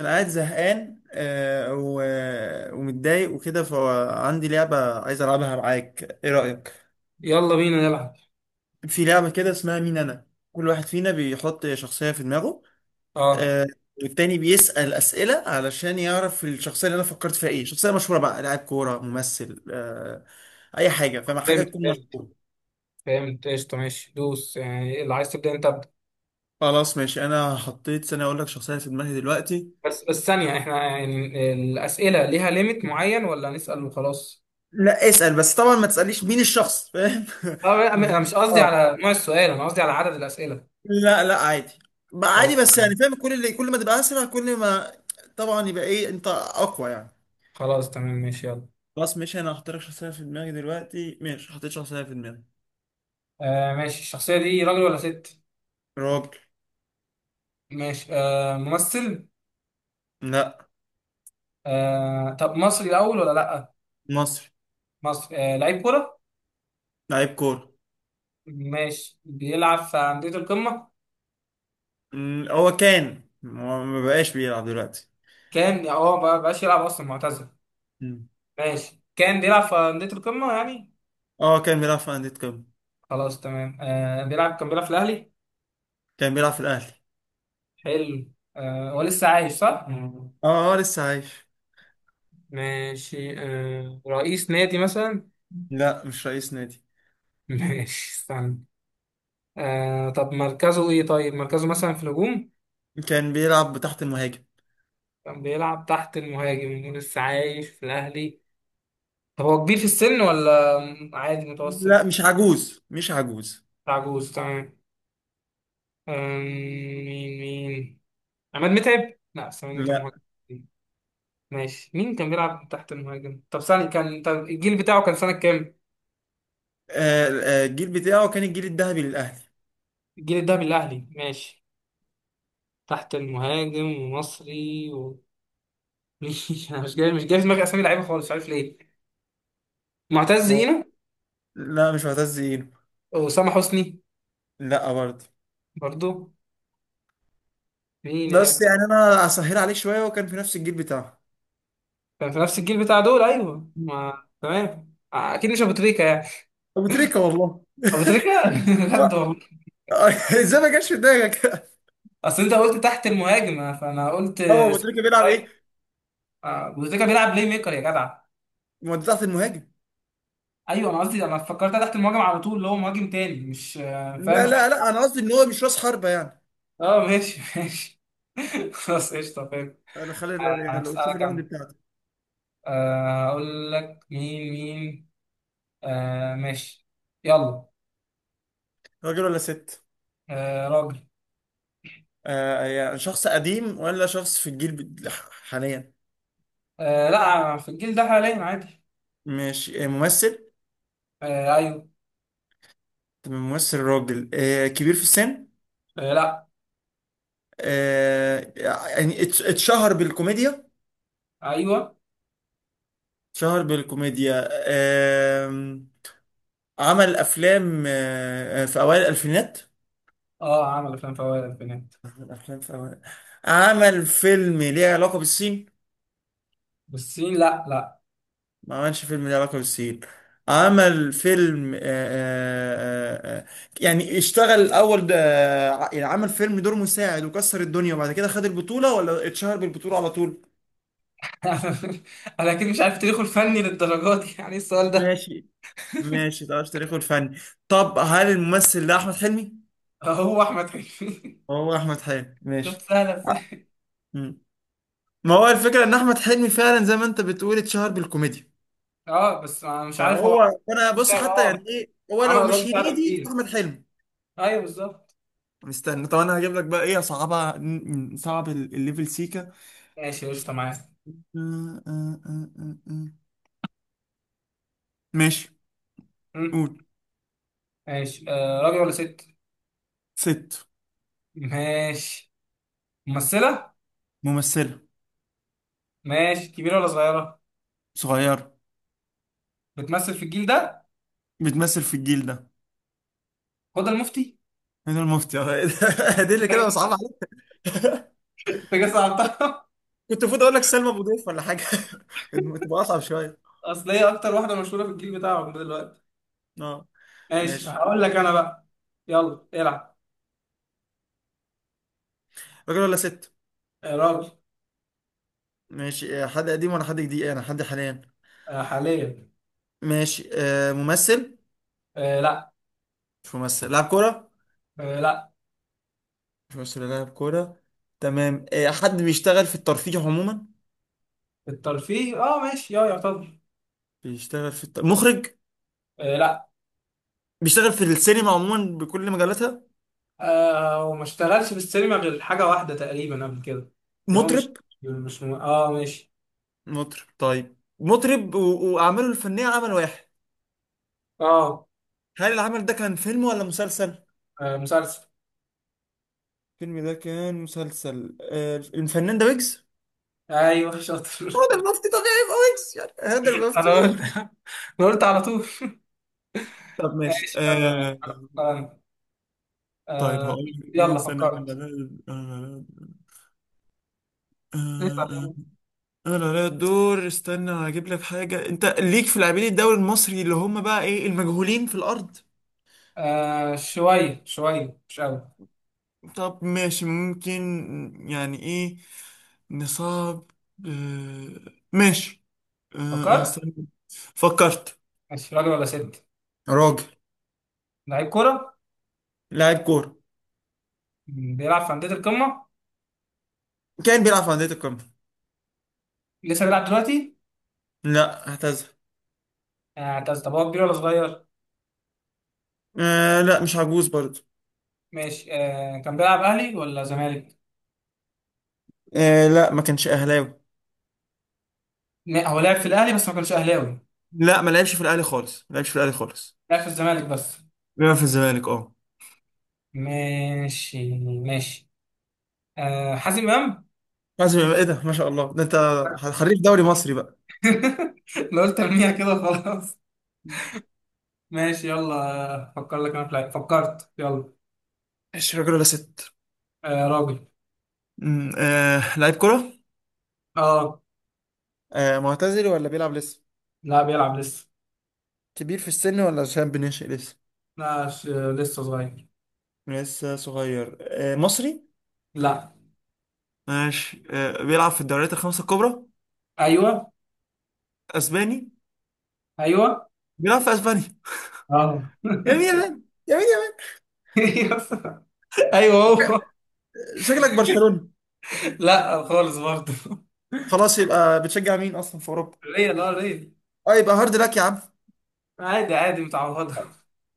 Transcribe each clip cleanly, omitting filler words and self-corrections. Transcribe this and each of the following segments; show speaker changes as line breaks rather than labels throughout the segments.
انا قاعد زهقان ومتضايق وكده، فعندي لعبة عايز العبها معاك، ايه رأيك؟
يلا بينا نلعب.
في لعبة كده اسمها مين انا. كل واحد فينا بيحط شخصية في دماغه.
اه،
آه. والتاني بيسأل أسئلة علشان يعرف الشخصية اللي انا فكرت فيها ايه، شخصية مشهورة بقى، لاعب كورة، ممثل، اي حاجة، فما حاجة
فهمت
تكون
فهمت
مشهورة.
فهمت، قشطة، ماشي. دوس، يعني اللي عايز تبدأ انت ابدأ.
خلاص ماشي، انا حطيت، سنة اقول لك شخصية في دماغي دلوقتي.
بس ثانية، احنا يعني الأسئلة ليها ليميت معين ولا نسأل وخلاص؟
لا اسأل بس، طبعا ما تسأليش مين الشخص، فاهم؟
اه، انا مش قصدي
اه،
على نوع السؤال، انا قصدي على عدد الأسئلة.
لا لا عادي، ما عادي
خلاص.
بس يعني فاهم، كل ما تبقى اسرع، كل ما طبعا يبقى ايه، انت اقوى يعني.
خلاص تمام، ماشي، يلا.
خلاص ماشي، انا هختار لك شخصيه في دماغي دلوقتي، ماشي حطيت شخصيه في دماغي.
آه ماشي، الشخصية دي راجل ولا ست؟
راجل.
ماشي. ممثل؟
لا.
طب مصري الأول ولا لأ؟
مصري.
مصري. لعيب كورة؟
لعيب كوره.
ماشي، بيلعب في أندية القمة؟
هو ما بقاش بيلعب دلوقتي.
كان، ما بقاش يلعب أصلا، معتزل.
مم.
ماشي، كان بيلعب في أندية القمة يعني.
اه كان بيلعب في انديه قمه.
خلاص تمام، كان بيلعب في الأهلي.
كان بيلعب في الاهلي.
حلو، هو لسه عايش صح؟ مم.
اه اه لسه عايش.
ماشي، رئيس نادي مثلا؟
لا مش رئيس نادي.
ماشي، استنى. طب مركزه إيه؟ طيب، مركزه مثلا في الهجوم؟
كان بيلعب تحت المهاجم.
كان بيلعب تحت المهاجم ولسه عايش في الأهلي. طب هو كبير في السن ولا عادي
لا
متوسط؟
مش عجوز مش عجوز.
عجوز؟ تمام. آم، مين. عماد متعب؟ لا، بس عماد متعب
لا.
مهاجم. ماشي، مين كان بيلعب تحت المهاجم؟ طب الجيل بتاعه كان سنة كام؟
الجيل بتاعه كان الجيل الذهبي للاهلي.
الجيل الذهبي، الأهلي، ماشي. تحت المهاجم، ومصري، و... مش جاي مش جاي في دماغي أسامي لعيبة خالص، مش عارف ليه. معتز
آه.
هنا؟
لا مش معتز اينو.
وأسامة حسني؟
لا برضه.
برضو مين يا
بس
جدع؟
يعني انا اسهل عليك شويه، وكان في نفس الجيل بتاعه.
كان في نفس الجيل بتاع دول، أيوه ما تمام، أكيد مش أبو تريكة يعني.
ابو تريكه والله.
أبو تريكة؟ بجد
لا.
والله.
ازاي ما جاش في دماغك؟
أصل أنت قلت تحت المهاجم فأنا قلت
هو ابو تريكه بيلعب
سترايكر.
ايه؟
أبو تريكة بيلعب بلاي ميكر يا جدع.
مودي تحت المهاجم.
ايوه، انا قصدي انا فكرتها تحت المهاجم على طول، اللي هو مهاجم تاني، مش فاهم،
لا
مش
لا
نص.
لا، انا قصدي ان هو مش راس حربه يعني.
اه ماشي ماشي. خلاص قشطه، فاهم.
انا خلي، لو شوف
هسألك
الراوند
انا.
بتاعته.
اقول لك مين. آه ماشي، يلا.
راجل ولا ست؟
آه راجل.
آه يعني شخص قديم ولا شخص في الجيل حاليا؟
آه لا، في الجيل ده حاليا عادي.
مش ممثل.
آه ايوه.
تمام، ممثل راجل، آه كبير في السن.
آه لا.
آه يعني اتشهر بالكوميديا،
ايوه.
شهر بالكوميديا. عمل افلام في اوائل الالفينات.
اه، عمل افلام فوائد البنات.
عمل افلام في اوائل. عمل فيلم ليه علاقة بالصين.
بالصين؟ لا، لا.
ما عملش فيلم ليه علاقة بالصين. عمل فيلم آه، آه، يعني اشتغل الاول ده. يعني عمل فيلم دور مساعد وكسر الدنيا، وبعد كده خد البطولة ولا اتشهر بالبطولة على طول.
انا اكيد مش عارف تاريخه الفني للدرجات دي، يعني إيه السؤال ده؟
ماشي ماشي، تعرف تاريخه الفني. طب هل الممثل ده احمد حلمي؟
هو احمد حلمي.
هو احمد حلمي،
شفت
ماشي.
سهله.
ما هو الفكره ان احمد حلمي فعلا زي ما انت بتقول اتشهر بالكوميديا.
اه بس انا مش عارف
فهو،
هو.
انا
مش
بص
عارف،
حتى يعني ايه هو
عمل
لو
قضايا
مش
مساعدة
هنيدي،
كتير.
احمد حلمي.
ايوه، بالظبط.
استنى، طب انا هجيب لك بقى ايه صعبه. صعب الليفل سيكا.
ماشي قشطة، معايا.
آه. ماشي
مم.
قول.
ماشي، راجل ولا ست؟
ست.
ماشي، ممثلة.
ممثله.
ماشي، كبيرة ولا صغيرة؟
صغيره.
بتمثل في الجيل ده؟
بتمثل في الجيل ده.
هدى المفتي.
هنا المفتي أهو. دي اللي كده صعبه عليك.
انت جاي صعبتها.
كنت المفروض اقول لك سلمى ابو ضيف ولا حاجه. كانت تبقى اصعب شويه.
اصل هي اكتر واحدة مشهورة في الجيل بتاعهم ده دلوقتي.
اه
ماشي
ماشي.
هقول لك انا بقى. يلا العب.
راجل ولا ست؟
آه راجل.
ماشي، حد قديم ولا حد جديد؟ انا حد حاليا.
آه حاليا.
ماشي آه ممثل.
آه لا.
مش ممثل، لاعب كورة.
آه لا.
مش ممثل ولا لاعب كورة. تمام، آه حد بيشتغل في الترفيه عموما.
الترفيه، اه ماشي، يعتبر.
بيشتغل في مخرج.
آه لا.
بيشتغل في السينما عموما بكل مجالاتها.
وما اشتغلش في السينما غير حاجة واحدة تقريبا قبل كده. كان هو مش،
مطرب.
مش م... اه ماشي.
مطرب طيب، مطرب وأعماله الفنية عمل واحد.
اه
هل العمل ده كان فيلم ولا مسلسل؟
مسلسل.
الفيلم ده كان مسلسل. آه الفنان ده ويجز.
ايوه شاطر.
هو ده المفتي طبيعي يبقى ويجز يعني، هذا المفتي
انا
ويجز.
قلت أنا قلت على طول.
طب ماشي
ماشي يلا. آه
طيب
آه،
هقول لك ايه.
يلا فكرت. اسأل
سنة.
يلا.
انا على الدور، استنى هجيب لك حاجه انت، ليك في لاعبين الدوري المصري اللي هم بقى ايه، المجهولين في الارض.
آه، شوية شوية مش قوي.
طب ماشي ممكن، يعني ايه، نصاب. آه ماشي آه
فكرت.
استنى فكرت.
ماشي، راجل ولا ست؟
راجل.
لعيب كورة؟
لاعب كوره.
بيلعب في أندية القمة؟
كان بيلعب في انديه القمه.
لسه بيلعب دلوقتي؟
لا اعتزل.
طب هو كبير ولا صغير؟
آه لا مش عجوز برضه.
ماشي، كان بيلعب أهلي ولا زمالك؟
آه لا ما كانش اهلاوي.
هو لعب في الاهلي بس ما كانش اهلاوي؟
لا ما لعبش في الاهلي خالص، ما لعبش في الاهلي خالص.
لعب في الزمالك بس.
بيلعب في الزمالك اه.
ماشي ماشي. آه، حازم امام.
حازم امام، ايه ده، ما شاء الله، ده انت حريف دوري مصري بقى.
لو قلت ارميها كده. خلاص. ماشي يلا، فكر لك انا في لعيب، فكرت يلا.
مش راجل ولا ست؟
آه راجل.
آه لعيب كرة.
اه
آه معتزل ولا بيلعب لسه؟
لا، بيلعب لسه.
كبير في السن ولا شاب بنشئ لسه؟
لا، لسه صغير.
لسه صغير. آه مصري.
لا.
ماشي آه بيلعب في الدوريات الخمسة الكبرى.
ايوه.
اسباني.
ايوه.
بيلعب في اسبانيا.
اه.
يمين يمين، يمين يمين.
ايوه، هو.
شكلك برشلونة.
لا خالص برضه.
خلاص يبقى بتشجع مين اصلا في اوروبا؟
ريا، لا، ريا.
اه يبقى هارد لك يا عم.
عادي عادي، متعوضه.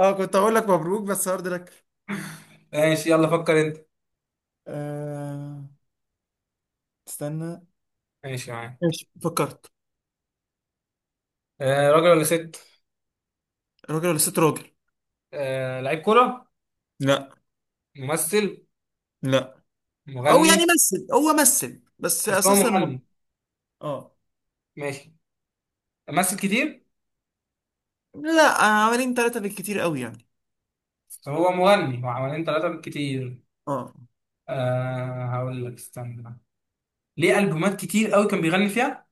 اه كنت هقول لك مبروك بس هارد لك.
ماشي، يلا فكر انت.
آه استنى.
ماشي معاك.
ماشي فكرت.
آه راجل ولا ست؟
راجل ولا ست؟ راجل.
آه، لعيب كرة؟
لا.
ممثل؟
لا. او
مغني؟
يعني مثل، هو مثل بس
بس هو
اساسا
مغني.
اه.
ماشي. ممثل كتير؟
لا عملين ثلاثة بالكتير قوي يعني.
بس هو مغني، هو حوالين ثلاثة بالكتير.
اه
أه هقول لك، استنى بقى. ليه ألبومات كتير قوي كان بيغني فيها؟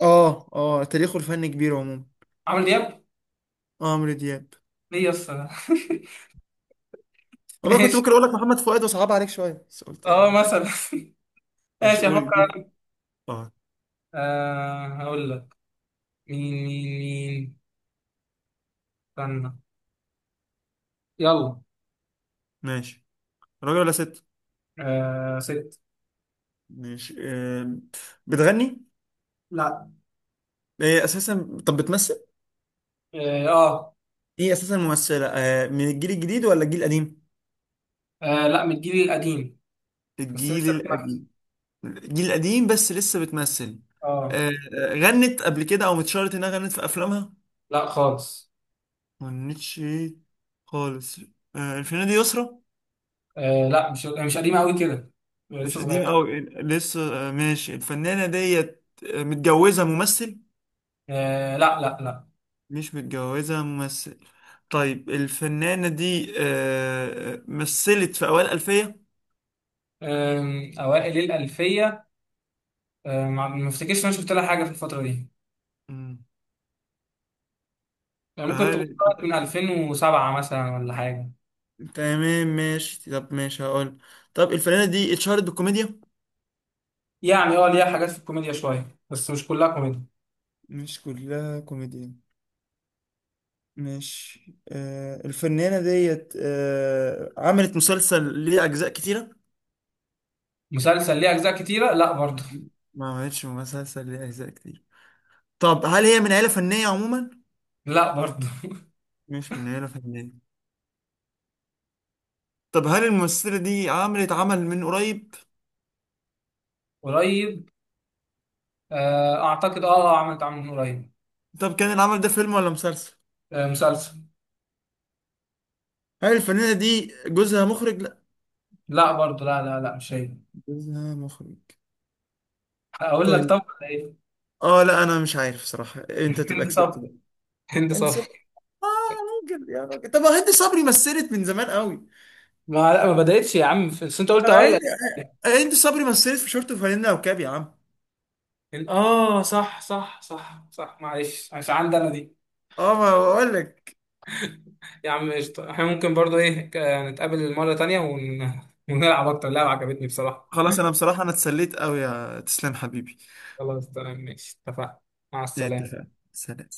اه اه، تاريخه الفني كبير عموما.
عمرو دياب.
اه، عمرو دياب.
ليه يا اسطى؟
والله كنت
ماشي.
ممكن اقول لك محمد فؤاد وصعب عليك شويه، بس قلت
اه،
آه.
مثلا.
ماشي
ماشي
قول.
هفكر أنا.
اه.
أه هقول لك. مين. استنى. يلا.
ماشي. راجل ولا ست؟
أه ست.
ماشي آه. بتغني.
لا.
هي اساسا طب بتمثل.
اه.
ايه اساسا ممثله آه. من الجيل الجديد ولا الجيل القديم؟
آه، لا من الجيل القديم. بس
الجيل
لسه بتنفس.
القديم. الجيل القديم بس لسه بتمثل.
اه.
غنت قبل كده او متشارت انها غنت في افلامها.
لا خالص.
ما غنتش ايه. خالص. آه الفنانة دي يسرا.
آه لا، مش قديمة قوي كده.
مش
لسه
قديمة
صغير.
أوي لسه. آه ماشي الفنانة ديت، متجوزة ممثل.
آه لا، لا، لا.
مش متجوزة ممثل. طيب الفنانة دي آه مثلت في أوائل الألفية.
أوائل الألفية. ما افتكرش إن أنا شفت لها حاجة في الفترة دي.
مم.
يعني ممكن تكون
هل،
طلعت من 2007 مثلا ولا حاجة.
تمام ماشي، طب ماشي هقول، طب الفنانة دي اتشهرت بالكوميديا.
يعني ليها حاجات في الكوميديا شوية، بس مش كلها كوميديا.
مش كلها كوميديا. ماشي آه الفنانة ديت آه عملت مسلسل ليه أجزاء كتيرة.
مسلسل ليه أجزاء كتيرة؟ لا برضه.
ما عملتش مسلسل ليه أجزاء كتير. طب هل هي من عيلة فنية عموما؟
لا برضه.
مش من عيلة فنية. طب هل الممثلة دي عملت عمل من قريب؟
قريب. أعتقد، عملت عمل من قريب.
طب كان العمل ده فيلم ولا مسلسل؟
آه، مسلسل.
هل الفنانة دي جوزها مخرج؟ لا.
لا برضه، لا، لا، لا، مش هي.
جوزها مخرج؟
أقول لك
طيب،
طب ولا إيه؟
اه لا انا مش عارف صراحة، انت
هند
تبقى كسبت
صبري.
بقى.
هند
انت
صبري.
اه، راجل يا راجل، طب هند صبري مثلت من زمان قوي.
ما لا، ما بدأتش يا عم بس انت قلت اوائل
هند،
الألفينات.
هند صبري مثلت في شورت وفانلة وكاب يا عم.
اه، صح صح صح صح، معلش مش عندي انا دي.
اه ما بقول لك.
يا عم قشطة، احنا ممكن برضو نتقابل مرة تانية ونلعب اكتر، لعبة عجبتني بصراحة.
خلاص انا بصراحة، انا اتسليت قوي، يا تسلم حبيبي.
خلاص تمام ماشي، اتفقنا. مع السلامة.
اتفقنا. سلام.